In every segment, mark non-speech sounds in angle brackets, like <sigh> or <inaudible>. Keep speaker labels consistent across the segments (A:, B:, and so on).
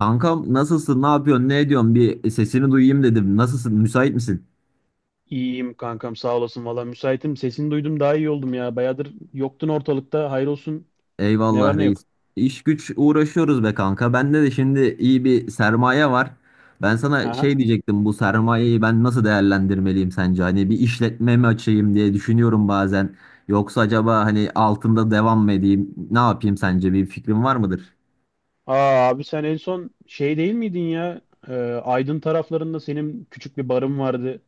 A: Kankam nasılsın? Ne yapıyorsun? Ne ediyorsun? Bir sesini duyayım dedim. Nasılsın? Müsait misin?
B: İyiyim kankam, sağ olasın, valla müsaitim. Sesini duydum, daha iyi oldum ya. Bayağıdır yoktun ortalıkta. Hayır olsun. Ne
A: Eyvallah
B: var ne yok.
A: reis. İş güç uğraşıyoruz be kanka. Bende de şimdi iyi bir sermaye var. Ben sana
B: Aha.
A: şey diyecektim. Bu sermayeyi ben nasıl değerlendirmeliyim sence? Hani bir işletme mi açayım diye düşünüyorum bazen. Yoksa acaba hani altında devam mı edeyim? Ne yapayım sence? Bir fikrin var mıdır?
B: Aa abi, sen en son şey değil miydin ya? Ee, Aydın taraflarında senin küçük bir barın vardı.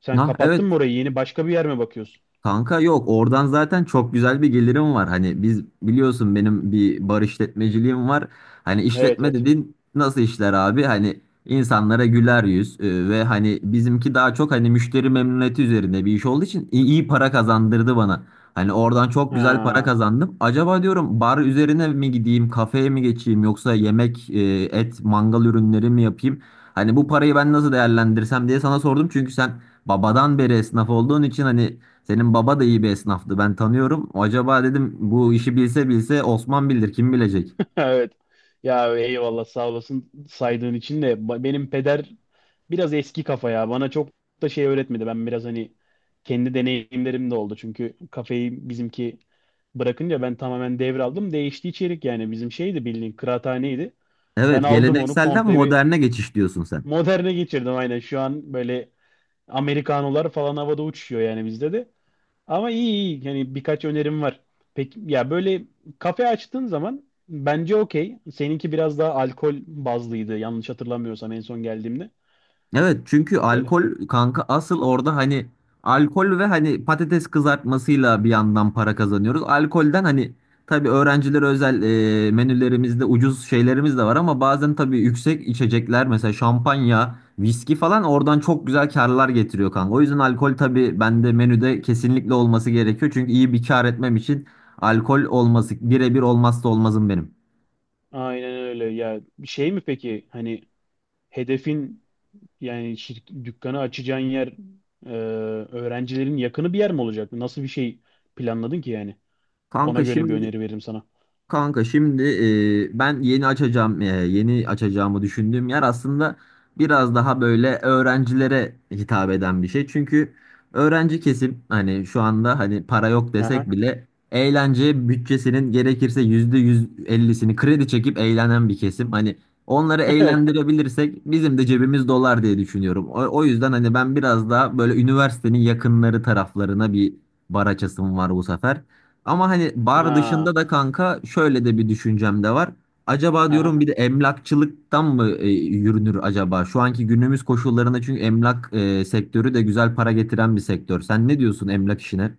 B: Sen
A: Ha,
B: kapattın
A: evet.
B: mı orayı? Yeni başka bir yer mi bakıyorsun?
A: Kanka yok, oradan zaten çok güzel bir gelirim var. Hani biz biliyorsun benim bir bar işletmeciliğim var. Hani
B: Evet,
A: işletme
B: evet.
A: dediğin nasıl işler abi? Hani insanlara güler yüz ve hani bizimki daha çok hani müşteri memnuniyeti üzerine bir iş olduğu için iyi, iyi para kazandırdı bana. Hani oradan çok güzel para
B: Ha.
A: kazandım. Acaba diyorum bar üzerine mi gideyim, kafeye mi geçeyim yoksa yemek, et, mangal ürünleri mi yapayım? Hani bu parayı ben nasıl değerlendirsem diye sana sordum. Çünkü sen babadan beri esnaf olduğun için hani senin baba da iyi bir esnaftı. Ben tanıyorum. Acaba dedim bu işi bilse bilse Osman bilir. Kim bilecek?
B: <laughs> Evet. Ya eyvallah, sağ olasın saydığın için de benim peder biraz eski kafa ya. Bana çok da şey öğretmedi. Ben biraz hani kendi deneyimlerim de oldu. Çünkü kafeyi bizimki bırakınca ben tamamen devraldım. Değişti içerik, yani bizim şeydi, bildiğin kıraathaneydi. Ben
A: Evet,
B: aldım onu
A: gelenekselden
B: komple bir
A: moderne geçiş diyorsun sen.
B: moderne geçirdim aynen. Şu an böyle Amerikanolar falan havada uçuşuyor yani bizde de. Ama iyi iyi. Yani birkaç önerim var. Peki ya böyle kafe açtığın zaman bence okey. Seninki biraz daha alkol bazlıydı yanlış hatırlamıyorsam en son geldiğimde.
A: Evet, çünkü
B: Böyle
A: alkol kanka asıl orada hani alkol ve hani patates kızartmasıyla bir yandan para kazanıyoruz. Alkolden hani tabii öğrencilere özel menülerimizde ucuz şeylerimiz de var ama bazen tabii yüksek içecekler mesela şampanya, viski falan oradan çok güzel karlar getiriyor kanka. O yüzden alkol tabii bende menüde kesinlikle olması gerekiyor. Çünkü iyi bir kar etmem için alkol olması birebir olmazsa olmazım benim.
B: aynen öyle. Ya şey mi peki, hani hedefin, yani dükkanı açacağın yer e, öğrencilerin yakını bir yer mi olacak? Nasıl bir şey planladın ki yani? Ona
A: Kanka
B: göre bir
A: şimdi
B: öneri veririm sana.
A: Kanka şimdi ben yeni açacağımı düşündüğüm yer aslında biraz daha böyle öğrencilere hitap eden bir şey. Çünkü öğrenci kesim hani şu anda hani para yok
B: Aha.
A: desek bile eğlence bütçesinin gerekirse %150'sini kredi çekip eğlenen bir kesim. Hani onları
B: <laughs> Evet.
A: eğlendirebilirsek bizim de cebimiz dolar diye düşünüyorum. O yüzden hani ben biraz daha böyle üniversitenin yakınları taraflarına bir bar açasım var bu sefer. Ama hani bar dışında
B: Ha.
A: da kanka şöyle de bir düşüncem de var. Acaba
B: Aha.
A: diyorum bir de emlakçılıktan mı yürünür acaba? Şu anki günümüz koşullarında çünkü emlak sektörü de güzel para getiren bir sektör. Sen ne diyorsun emlak işine?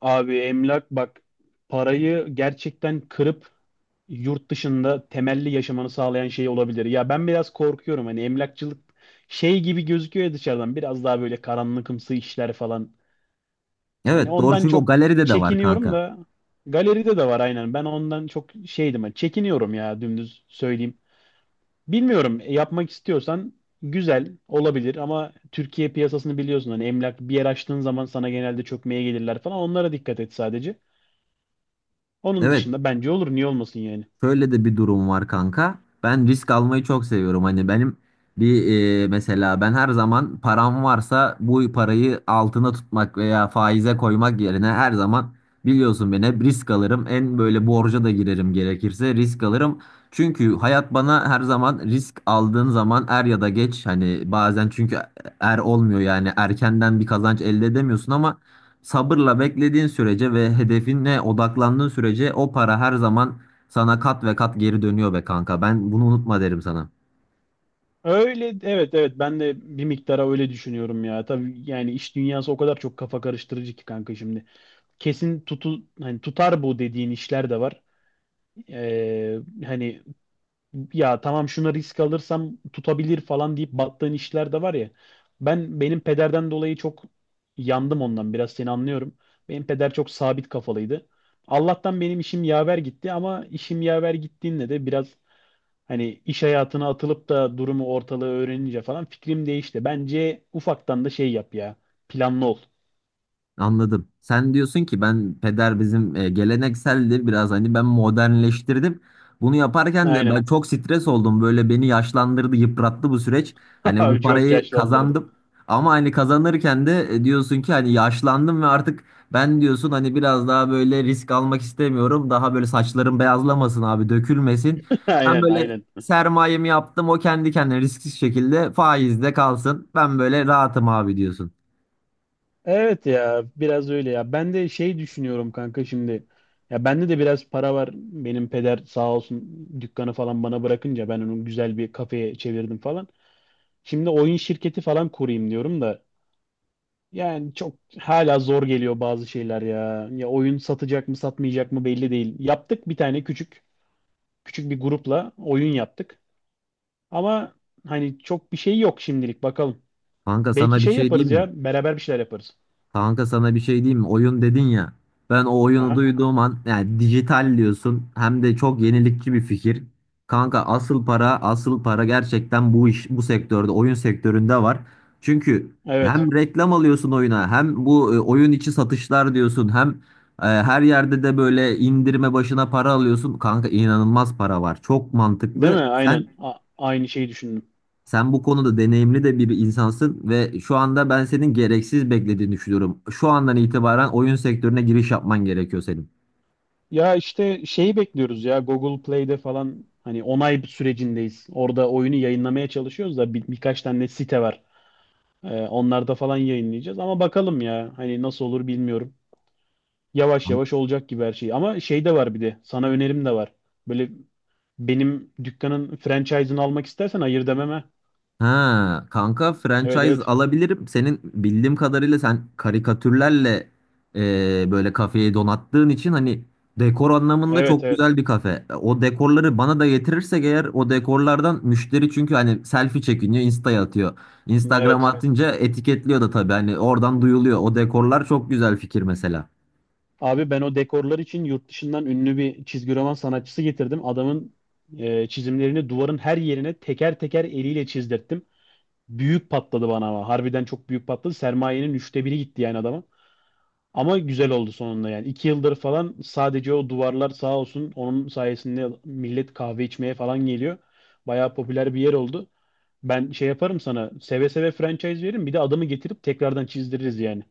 B: Abi emlak bak, parayı gerçekten kırıp yurt dışında temelli yaşamanı sağlayan şey olabilir. Ya ben biraz korkuyorum, hani emlakçılık şey gibi gözüküyor ya dışarıdan, biraz daha böyle karanlıkımsı işler falan. Hani
A: Evet, doğru
B: ondan
A: çünkü o
B: çok
A: galeride de var
B: çekiniyorum
A: kanka.
B: da, galeride de var aynen. Ben ondan çok şeydim, hani çekiniyorum ya, dümdüz söyleyeyim. Bilmiyorum, yapmak istiyorsan güzel olabilir ama Türkiye piyasasını biliyorsun. Hani emlak bir yer açtığın zaman sana genelde çökmeye gelirler falan. Onlara dikkat et sadece. Onun
A: Evet.
B: dışında bence olur. Niye olmasın yani?
A: Şöyle de bir durum var kanka. Ben risk almayı çok seviyorum. Hani benim bir mesela ben her zaman param varsa bu parayı altına tutmak veya faize koymak yerine her zaman biliyorsun beni, hep risk alırım. En böyle borca da girerim, gerekirse risk alırım. Çünkü hayat bana her zaman risk aldığın zaman er ya da geç hani bazen çünkü er olmuyor yani erkenden bir kazanç elde edemiyorsun ama sabırla beklediğin sürece ve hedefine odaklandığın sürece o para her zaman sana kat ve kat geri dönüyor be kanka. Ben bunu unutma derim sana.
B: Öyle, evet, evet, ben de bir miktara öyle düşünüyorum ya. Tabii yani iş dünyası o kadar çok kafa karıştırıcı ki kanka, şimdi. Kesin hani tutar bu dediğin işler de var. Ee, hani ya tamam, şuna risk alırsam tutabilir falan deyip battığın işler de var ya. Ben benim pederden dolayı çok yandım, ondan biraz seni anlıyorum. Benim peder çok sabit kafalıydı. Allah'tan benim işim yaver gitti ama işim yaver gittiğinde de biraz, hani iş hayatına atılıp da durumu ortalığı öğrenince falan fikrim değişti. Bence ufaktan da şey yap ya. Planlı ol.
A: Anladım. Sen diyorsun ki ben peder bizim gelenekseldi biraz hani ben modernleştirdim. Bunu yaparken de
B: Aynen.
A: ben çok stres oldum. Böyle beni yaşlandırdı, yıprattı bu süreç.
B: <laughs>
A: Hani
B: Abi
A: bu
B: çok
A: parayı
B: yaşlandırdı.
A: kazandım ama hani kazanırken de diyorsun ki hani yaşlandım ve artık ben diyorsun hani biraz daha böyle risk almak istemiyorum. Daha böyle saçlarım beyazlamasın abi, dökülmesin.
B: <laughs>
A: Ben
B: Aynen,
A: böyle
B: aynen.
A: sermayemi yaptım. O kendi kendine risksiz şekilde faizde kalsın. Ben böyle rahatım abi diyorsun.
B: Evet ya, biraz öyle ya. Ben de şey düşünüyorum kanka, şimdi. Ya bende de biraz para var. Benim peder sağ olsun, dükkanı falan bana bırakınca ben onu güzel bir kafeye çevirdim falan. Şimdi oyun şirketi falan kurayım diyorum da. Yani çok hala zor geliyor bazı şeyler ya. Ya oyun satacak mı satmayacak mı belli değil. Yaptık bir tane küçük bir grupla oyun yaptık. Ama hani çok bir şey yok şimdilik, bakalım.
A: Kanka
B: Belki
A: sana bir
B: şey
A: şey
B: yaparız
A: diyeyim mi?
B: ya, beraber bir şeyler yaparız.
A: Kanka sana bir şey diyeyim mi? Oyun dedin ya. Ben o oyunu
B: Aha.
A: duyduğum an yani dijital diyorsun, hem de çok yenilikçi bir fikir. Kanka asıl para gerçekten bu iş bu sektörde, oyun sektöründe var. Çünkü
B: Evet.
A: hem reklam alıyorsun oyuna, hem bu oyun içi satışlar diyorsun, hem her yerde de böyle indirme başına para alıyorsun. Kanka inanılmaz para var. Çok
B: Değil mi?
A: mantıklı. Sen
B: Aynen. Aynı şeyi düşündüm.
A: sen bu konuda deneyimli de bir insansın ve şu anda ben senin gereksiz beklediğini düşünüyorum. Şu andan itibaren oyun sektörüne giriş yapman gerekiyor senin.
B: Ya işte şeyi bekliyoruz ya, Google Play'de falan hani onay sürecindeyiz. Orada oyunu yayınlamaya çalışıyoruz da birkaç tane site var. Onlarda falan yayınlayacağız ama bakalım ya, hani nasıl olur bilmiyorum. Yavaş yavaş olacak gibi her şey. Ama şey de var bir de. Sana önerim de var. Böyle benim dükkanın franchise'ını almak istersen hayır dememe.
A: Ha, kanka
B: Evet,
A: franchise
B: evet.
A: alabilirim. Senin bildiğim kadarıyla sen karikatürlerle böyle kafeyi donattığın için hani dekor anlamında
B: Evet,
A: çok
B: evet.
A: güzel bir kafe. O dekorları bana da getirirsek eğer, o dekorlardan müşteri, çünkü hani selfie çekiniyor, Insta'ya atıyor. Instagram'a
B: Evet.
A: atınca etiketliyor da tabii, hani oradan duyuluyor. O dekorlar çok güzel fikir mesela.
B: Abi ben o dekorlar için yurt dışından ünlü bir çizgi roman sanatçısı getirdim. Adamın çizimlerini duvarın her yerine teker teker eliyle çizdirttim. Büyük patladı bana ama. Harbiden çok büyük patladı. Sermayenin üçte biri gitti yani adama. Ama güzel oldu sonunda yani. 2 yıldır falan sadece o duvarlar sağ olsun, onun sayesinde millet kahve içmeye falan geliyor. Bayağı popüler bir yer oldu. Ben şey yaparım, sana seve seve franchise veririm, bir de adamı getirip tekrardan çizdiririz yani.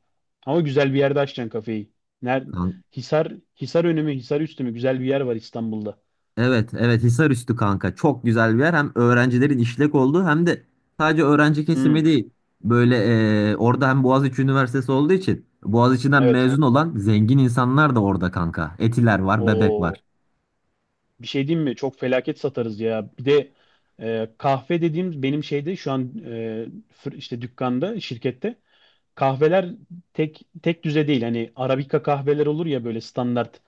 B: Ama güzel bir yerde açacaksın kafeyi. Ner
A: Kan-
B: Hisar, Hisar önü mü Hisar üstü mü, güzel bir yer var İstanbul'da.
A: Evet, evet, Hisarüstü kanka. Çok güzel bir yer. Hem öğrencilerin işlek olduğu hem de sadece öğrenci kesimi
B: Hmm,
A: değil. Böyle orada hem Boğaziçi Üniversitesi olduğu için Boğaziçi'den, evet,
B: evet.
A: mezun olan zengin insanlar da orada kanka. Etiler var, Bebek var.
B: Oo, bir şey diyeyim mi? Çok felaket satarız ya. Bir de kahve dediğim benim şeyde şu an, işte dükkanda, şirkette kahveler tek tek düze değil. Hani Arabika kahveler olur ya, böyle standart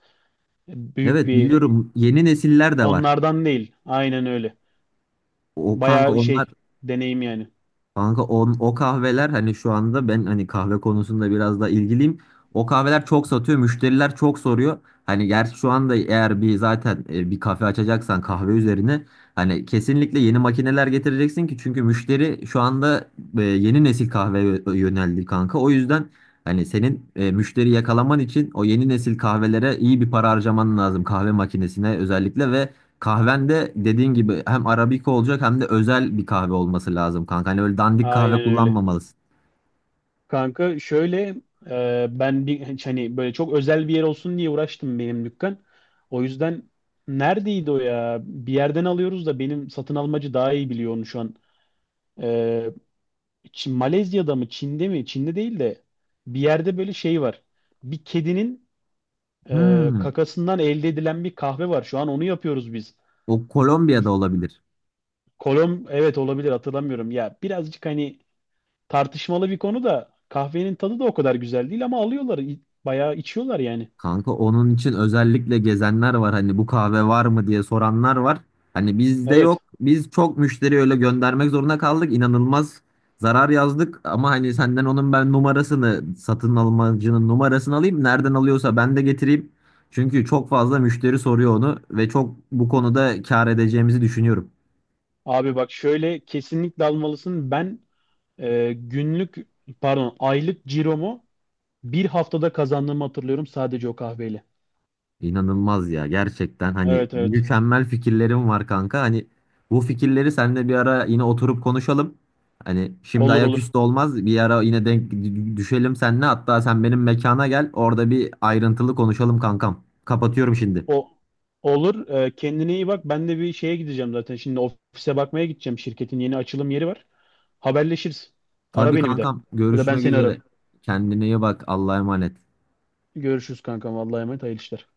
B: büyük
A: Evet,
B: bir,
A: biliyorum, yeni nesiller de var.
B: onlardan değil. Aynen öyle.
A: O kanka
B: Bayağı
A: onlar
B: şey, deneyim yani.
A: Kanka on, o kahveler hani şu anda ben hani kahve konusunda biraz daha ilgiliyim. O kahveler çok satıyor, müşteriler çok soruyor. Hani gerçi şu anda eğer bir zaten bir kafe açacaksan kahve üzerine hani kesinlikle yeni makineler getireceksin ki, çünkü müşteri şu anda yeni nesil kahveye yöneldi kanka. O yüzden hani senin müşteri yakalaman için o yeni nesil kahvelere iyi bir para harcaman lazım, kahve makinesine özellikle. Ve kahvende dediğin gibi hem Arabica olacak hem de özel bir kahve olması lazım kanka. Hani öyle dandik kahve
B: Aynen öyle.
A: kullanmamalısın.
B: Kanka şöyle, ben bir hani böyle çok özel bir yer olsun diye uğraştım benim dükkan. O yüzden neredeydi o ya? Bir yerden alıyoruz da, benim satın almacı daha iyi biliyor onu şu an. E, Çin, Malezya'da mı Çin'de mi? Çin'de değil de bir yerde böyle şey var. Bir kedinin
A: Hmm,
B: kakasından elde edilen bir kahve var. Şu an onu yapıyoruz biz.
A: o Kolombiya'da olabilir.
B: Evet olabilir, hatırlamıyorum. Ya birazcık hani tartışmalı bir konu da, kahvenin tadı da o kadar güzel değil ama alıyorlar. Bayağı içiyorlar yani.
A: Kanka onun için özellikle gezenler var. Hani bu kahve var mı diye soranlar var. Hani bizde
B: Evet.
A: yok. Biz çok müşteri öyle göndermek zorunda kaldık. İnanılmaz zarar yazdık. Ama hani senden onun ben numarasını, satın almacının numarasını alayım. Nereden alıyorsa ben de getireyim. Çünkü çok fazla müşteri soruyor onu ve çok bu konuda kâr edeceğimizi düşünüyorum.
B: Abi bak şöyle, kesinlikle almalısın. Ben günlük, pardon, aylık ciromu bir haftada kazandığımı hatırlıyorum sadece o kahveyle.
A: İnanılmaz ya, gerçekten hani
B: Evet, evet.
A: mükemmel fikirlerim var kanka. Hani bu fikirleri seninle bir ara yine oturup konuşalım. Hani şimdi
B: Olur, olur.
A: ayaküstü olmaz, bir ara yine denk düşelim seninle. Hatta sen benim mekana gel, orada bir ayrıntılı konuşalım kankam. Kapatıyorum şimdi.
B: O olur. Kendine iyi bak. Ben de bir şeye gideceğim zaten. Şimdi ofise bakmaya gideceğim. Şirketin yeni açılım yeri var. Haberleşiriz. Ara
A: Tabii
B: beni bir de.
A: kankam,
B: Ya da ben
A: görüşmek
B: seni
A: üzere.
B: ararım.
A: Kendine iyi bak, Allah'a emanet.
B: Görüşürüz kankam. Vallahi emanet. Hayırlı işler.